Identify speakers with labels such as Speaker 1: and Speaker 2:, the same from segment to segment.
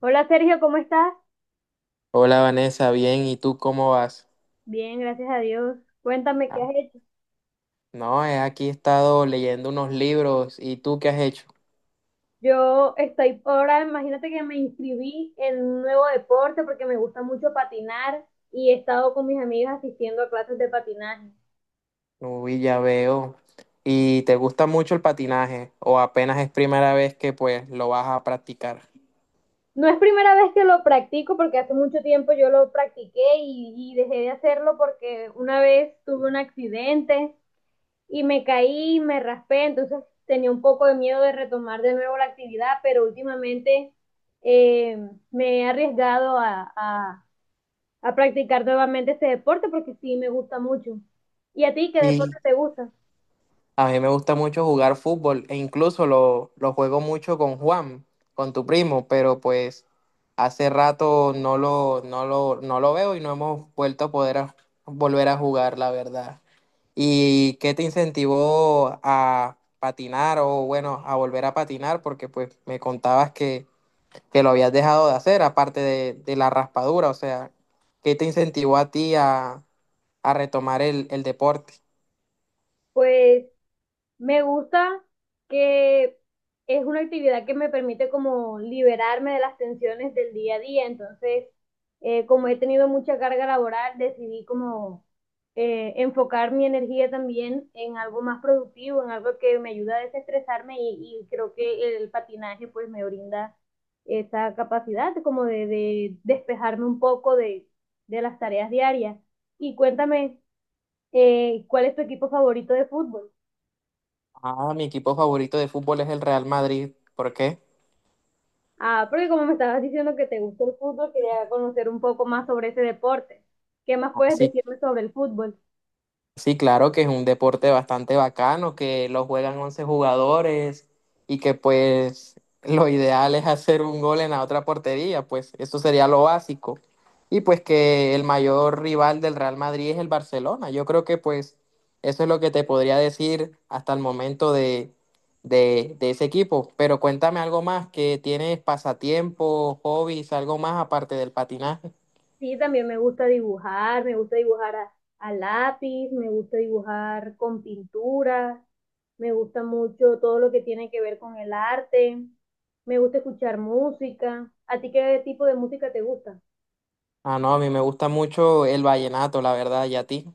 Speaker 1: Hola Sergio, ¿cómo estás?
Speaker 2: Hola Vanessa, bien, ¿y tú cómo vas?
Speaker 1: Bien, gracias a Dios. Cuéntame qué
Speaker 2: Ah,
Speaker 1: has hecho.
Speaker 2: no, he aquí estado leyendo unos libros, ¿y tú qué has hecho?
Speaker 1: Yo estoy ahora, imagínate que me inscribí en un nuevo deporte porque me gusta mucho patinar y he estado con mis amigas asistiendo a clases de patinaje.
Speaker 2: Uy, ya veo. ¿Y te gusta mucho el patinaje o apenas es primera vez que pues lo vas a practicar?
Speaker 1: No es primera vez que lo practico porque hace mucho tiempo yo lo practiqué y dejé de hacerlo porque una vez tuve un accidente y me caí, me raspé. Entonces tenía un poco de miedo de retomar de nuevo la actividad, pero últimamente eh, me he arriesgado a practicar nuevamente este deporte porque sí me gusta mucho. ¿Y a ti qué deporte
Speaker 2: Sí.
Speaker 1: te gusta?
Speaker 2: A mí me gusta mucho jugar fútbol e incluso lo juego mucho con Juan, con tu primo, pero pues hace rato no lo veo y no hemos vuelto a poder volver a jugar, la verdad. ¿Y qué te incentivó a patinar o bueno, a volver a patinar? Porque pues me contabas que lo habías dejado de hacer, aparte de la raspadura, o sea, ¿qué te incentivó a ti a retomar el deporte?
Speaker 1: Pues me gusta que es una actividad que me permite como liberarme de las tensiones del día a día. Entonces, como he tenido mucha carga laboral, decidí como enfocar mi energía también en algo más productivo, en algo que me ayuda a desestresarme y creo que el patinaje pues me brinda esa capacidad como de despejarme un poco de las tareas diarias. Y cuéntame, ¿cuál es tu equipo favorito de fútbol?
Speaker 2: Ah, mi equipo favorito de fútbol es el Real Madrid. ¿Por qué?
Speaker 1: Ah, porque como me estabas diciendo que te gusta el fútbol, quería conocer un poco más sobre ese deporte. ¿Qué más
Speaker 2: Ah,
Speaker 1: puedes
Speaker 2: sí,
Speaker 1: decirme sobre el fútbol?
Speaker 2: sí, claro que es un deporte bastante bacano, que lo juegan 11 jugadores y que pues lo ideal es hacer un gol en la otra portería, pues eso sería lo básico. Y pues que el mayor rival del Real Madrid es el Barcelona. Yo creo que pues eso es lo que te podría decir hasta el momento de ese equipo. Pero cuéntame algo más, que tienes pasatiempos, hobbies, algo más aparte del patinaje.
Speaker 1: Sí, también me gusta dibujar a lápiz, me gusta dibujar con pintura, me gusta mucho todo lo que tiene que ver con el arte, me gusta escuchar música. ¿A ti qué tipo de música te gusta?
Speaker 2: Ah, no, a mí me gusta mucho el vallenato, la verdad, ¿y a ti?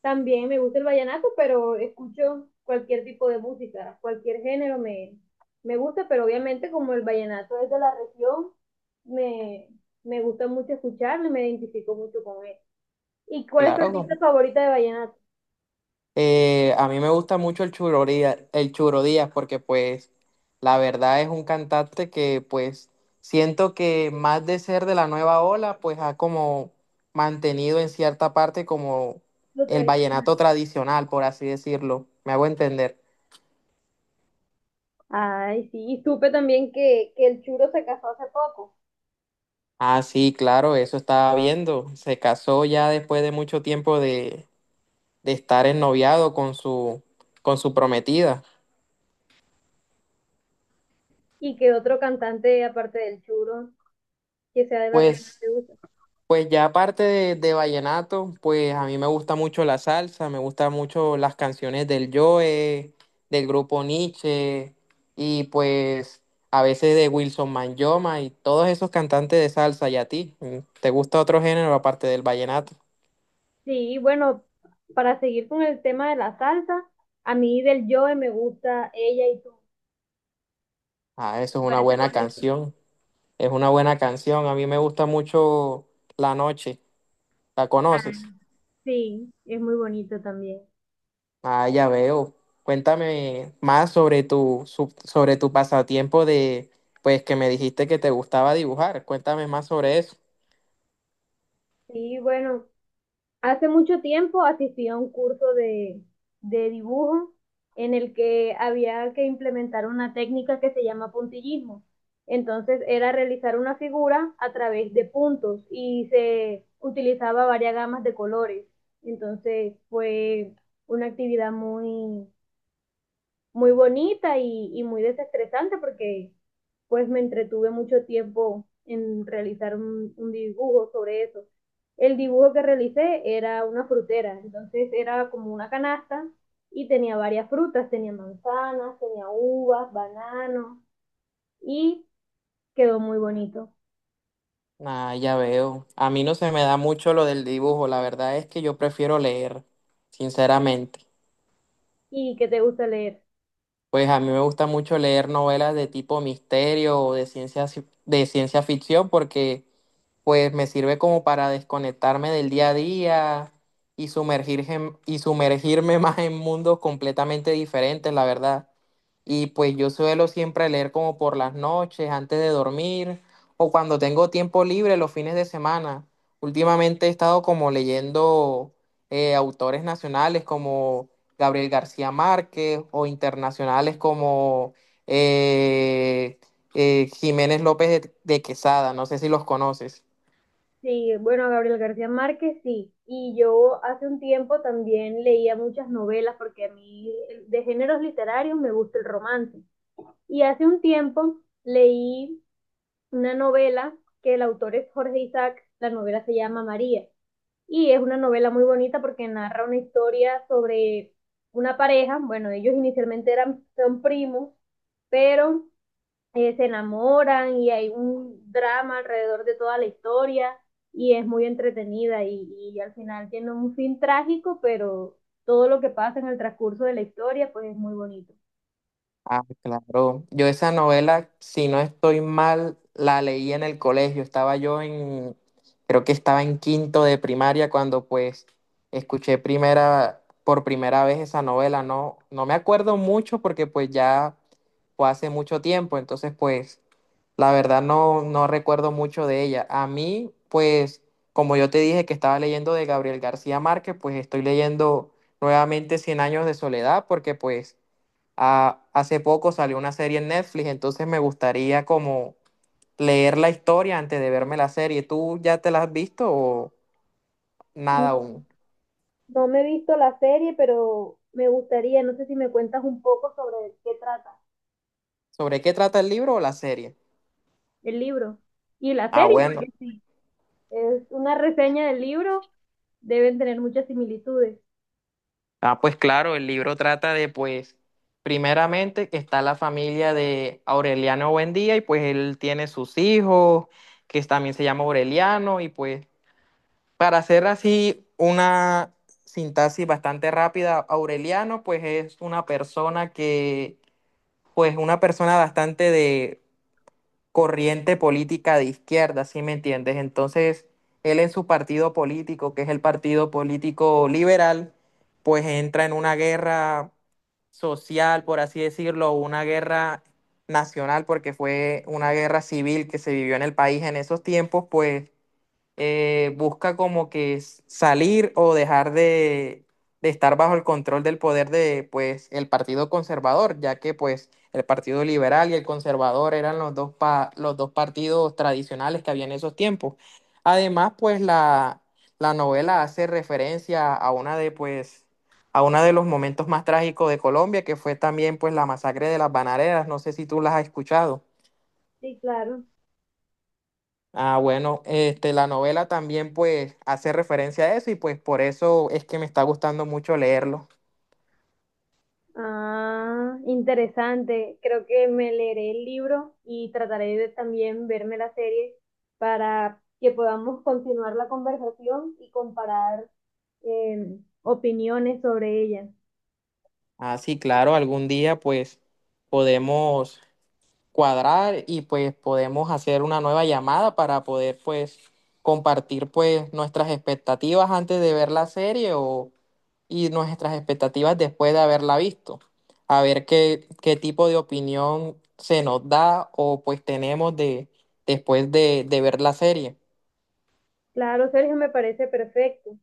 Speaker 1: También me gusta el vallenato, pero escucho cualquier tipo de música, cualquier género me, me gusta, pero obviamente como el vallenato es de la región, me, me gusta mucho escucharlo y me identifico mucho con él. ¿Y cuál es tu
Speaker 2: Claro.
Speaker 1: artista favorita de vallenato?
Speaker 2: A mí me gusta mucho el Churo Díaz porque pues la verdad es un cantante que pues siento que más de ser de la nueva ola pues ha como mantenido en cierta parte como
Speaker 1: Lo
Speaker 2: el
Speaker 1: tradicional.
Speaker 2: vallenato tradicional, por así decirlo. ¿Me hago entender?
Speaker 1: Ay, sí, y supe también que el Churo se casó hace poco,
Speaker 2: Ah, sí, claro, eso estaba viendo. Se casó ya después de mucho tiempo de estar ennoviado con su prometida.
Speaker 1: y que otro cantante, aparte del Churo, que sea de la región,
Speaker 2: Pues,
Speaker 1: te gusta.
Speaker 2: pues ya aparte de vallenato, pues a mí me gusta mucho la salsa, me gustan mucho las canciones del Joe, del grupo Nietzsche y pues a veces de Wilson Manjoma y todos esos cantantes de salsa. ¿Y a ti? ¿Te gusta otro género aparte del vallenato?
Speaker 1: Sí, bueno, para seguir con el tema de la salsa, a mí del Joe me gusta Ella y Tú.
Speaker 2: Ah, eso es
Speaker 1: Me
Speaker 2: una
Speaker 1: parece
Speaker 2: buena
Speaker 1: bonito.
Speaker 2: canción. Es una buena canción. A mí me gusta mucho La Noche. ¿La
Speaker 1: Ah,
Speaker 2: conoces?
Speaker 1: sí, es muy bonito también.
Speaker 2: Ah, ya veo. Cuéntame más sobre sobre tu pasatiempo de, pues que me dijiste que te gustaba dibujar. Cuéntame más sobre eso.
Speaker 1: Sí, bueno. Hace mucho tiempo asistí a un curso de dibujo en el que había que implementar una técnica que se llama puntillismo. Entonces era realizar una figura a través de puntos y se utilizaba varias gamas de colores. Entonces fue una actividad muy, muy bonita y muy desestresante porque pues me entretuve mucho tiempo en realizar un dibujo sobre eso. El dibujo que realicé era una frutera, entonces era como una canasta y tenía varias frutas, tenía manzanas, tenía uvas, bananos y quedó muy bonito.
Speaker 2: Ah, ya veo. A mí no se me da mucho lo del dibujo. La verdad es que yo prefiero leer, sinceramente.
Speaker 1: ¿Y qué te gusta leer?
Speaker 2: Pues a mí me gusta mucho leer novelas de tipo misterio o de de ciencia ficción porque pues me sirve como para desconectarme del día a día y sumergirme, y sumergirme más en mundos completamente diferentes, la verdad. Y pues yo suelo siempre leer como por las noches, antes de dormir, o cuando tengo tiempo libre los fines de semana. Últimamente he estado como leyendo autores nacionales como Gabriel García Márquez o internacionales como eh, Jiménez López de Quesada. No sé si los conoces.
Speaker 1: Sí, bueno, Gabriel García Márquez, sí. Y yo hace un tiempo también leía muchas novelas porque a mí de géneros literarios me gusta el romance. Y hace un tiempo leí una novela que el autor es Jorge Isaac, la novela se llama María y es una novela muy bonita porque narra una historia sobre una pareja. Bueno, ellos inicialmente eran son primos, pero se enamoran y hay un drama alrededor de toda la historia y es muy entretenida y al final tiene un fin trágico, pero todo lo que pasa en el transcurso de la historia pues es muy bonito.
Speaker 2: Ah, claro. Yo esa novela, si no estoy mal, la leí en el colegio. Estaba yo en, creo que estaba en quinto de primaria cuando pues escuché por primera vez esa novela. No, no me acuerdo mucho porque pues ya fue hace mucho tiempo. Entonces pues la verdad no, no recuerdo mucho de ella. A mí pues, como yo te dije que estaba leyendo de Gabriel García Márquez, pues estoy leyendo nuevamente Cien años de soledad porque pues... Ah, hace poco salió una serie en Netflix, entonces me gustaría como leer la historia antes de verme la serie. ¿Tú ya te la has visto o nada aún?
Speaker 1: No me he visto la serie, pero me gustaría, no sé si me cuentas un poco sobre qué trata.
Speaker 2: ¿Sobre qué trata el libro o la serie?
Speaker 1: El libro y la
Speaker 2: Ah,
Speaker 1: serie, porque
Speaker 2: bueno.
Speaker 1: sí, es una reseña del libro, deben tener muchas similitudes.
Speaker 2: Ah, pues claro, el libro trata de, pues, primeramente que está la familia de Aureliano Buendía y pues él tiene sus hijos, que también se llama Aureliano y pues, para hacer así una sintaxis bastante rápida, Aureliano pues es una persona que pues una persona bastante de corriente política de izquierda, ¿sí me entiendes? Entonces, él en su partido político, que es el partido político liberal, pues entra en una guerra social, por así decirlo, una guerra nacional, porque fue una guerra civil que se vivió en el país en esos tiempos, pues busca como que salir o dejar de estar bajo el control del poder de, pues, el Partido Conservador, ya que, pues, el Partido Liberal y el Conservador eran los los dos partidos tradicionales que había en esos tiempos. Además, pues, la novela hace referencia a una de, pues, a uno de los momentos más trágicos de Colombia, que fue también, pues, la masacre de las Bananeras. No sé si tú las has escuchado.
Speaker 1: Sí, claro.
Speaker 2: Ah, bueno, este, la novela también pues hace referencia a eso y pues por eso es que me está gustando mucho leerlo.
Speaker 1: Ah, interesante. Creo que me leeré el libro y trataré de también verme la serie para que podamos continuar la conversación y comparar opiniones sobre ella.
Speaker 2: Ah, sí, claro, algún día pues podemos cuadrar y pues podemos hacer una nueva llamada para poder pues compartir pues nuestras expectativas antes de ver la serie o, y nuestras expectativas después de haberla visto. A ver qué, qué tipo de opinión se nos da o pues tenemos de, después de ver la serie.
Speaker 1: Claro, Sergio, me parece perfecto.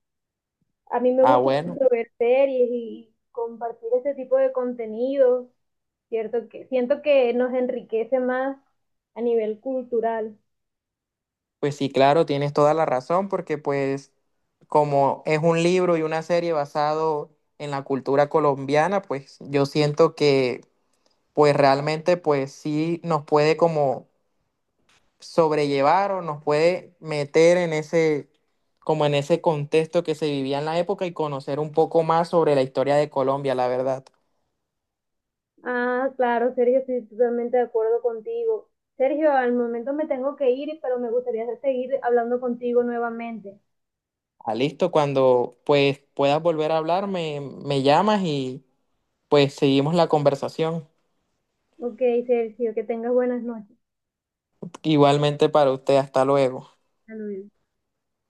Speaker 1: A mí me
Speaker 2: Ah,
Speaker 1: gusta
Speaker 2: bueno.
Speaker 1: mucho ver series y compartir ese tipo de contenidos. Cierto que siento que nos enriquece más a nivel cultural.
Speaker 2: Pues sí, claro, tienes toda la razón, porque pues como es un libro y una serie basado en la cultura colombiana, pues yo siento que pues realmente pues sí nos puede como sobrellevar o nos puede meter en ese como en ese contexto que se vivía en la época y conocer un poco más sobre la historia de Colombia, la verdad.
Speaker 1: Ah, claro, Sergio, estoy totalmente de acuerdo contigo. Sergio, al momento me tengo que ir, pero me gustaría seguir hablando contigo nuevamente.
Speaker 2: Ah, listo, cuando pues puedas volver a hablar, me llamas y pues seguimos la conversación.
Speaker 1: Ok, Sergio, que tengas buenas noches.
Speaker 2: Igualmente para usted, hasta luego.
Speaker 1: Saludos.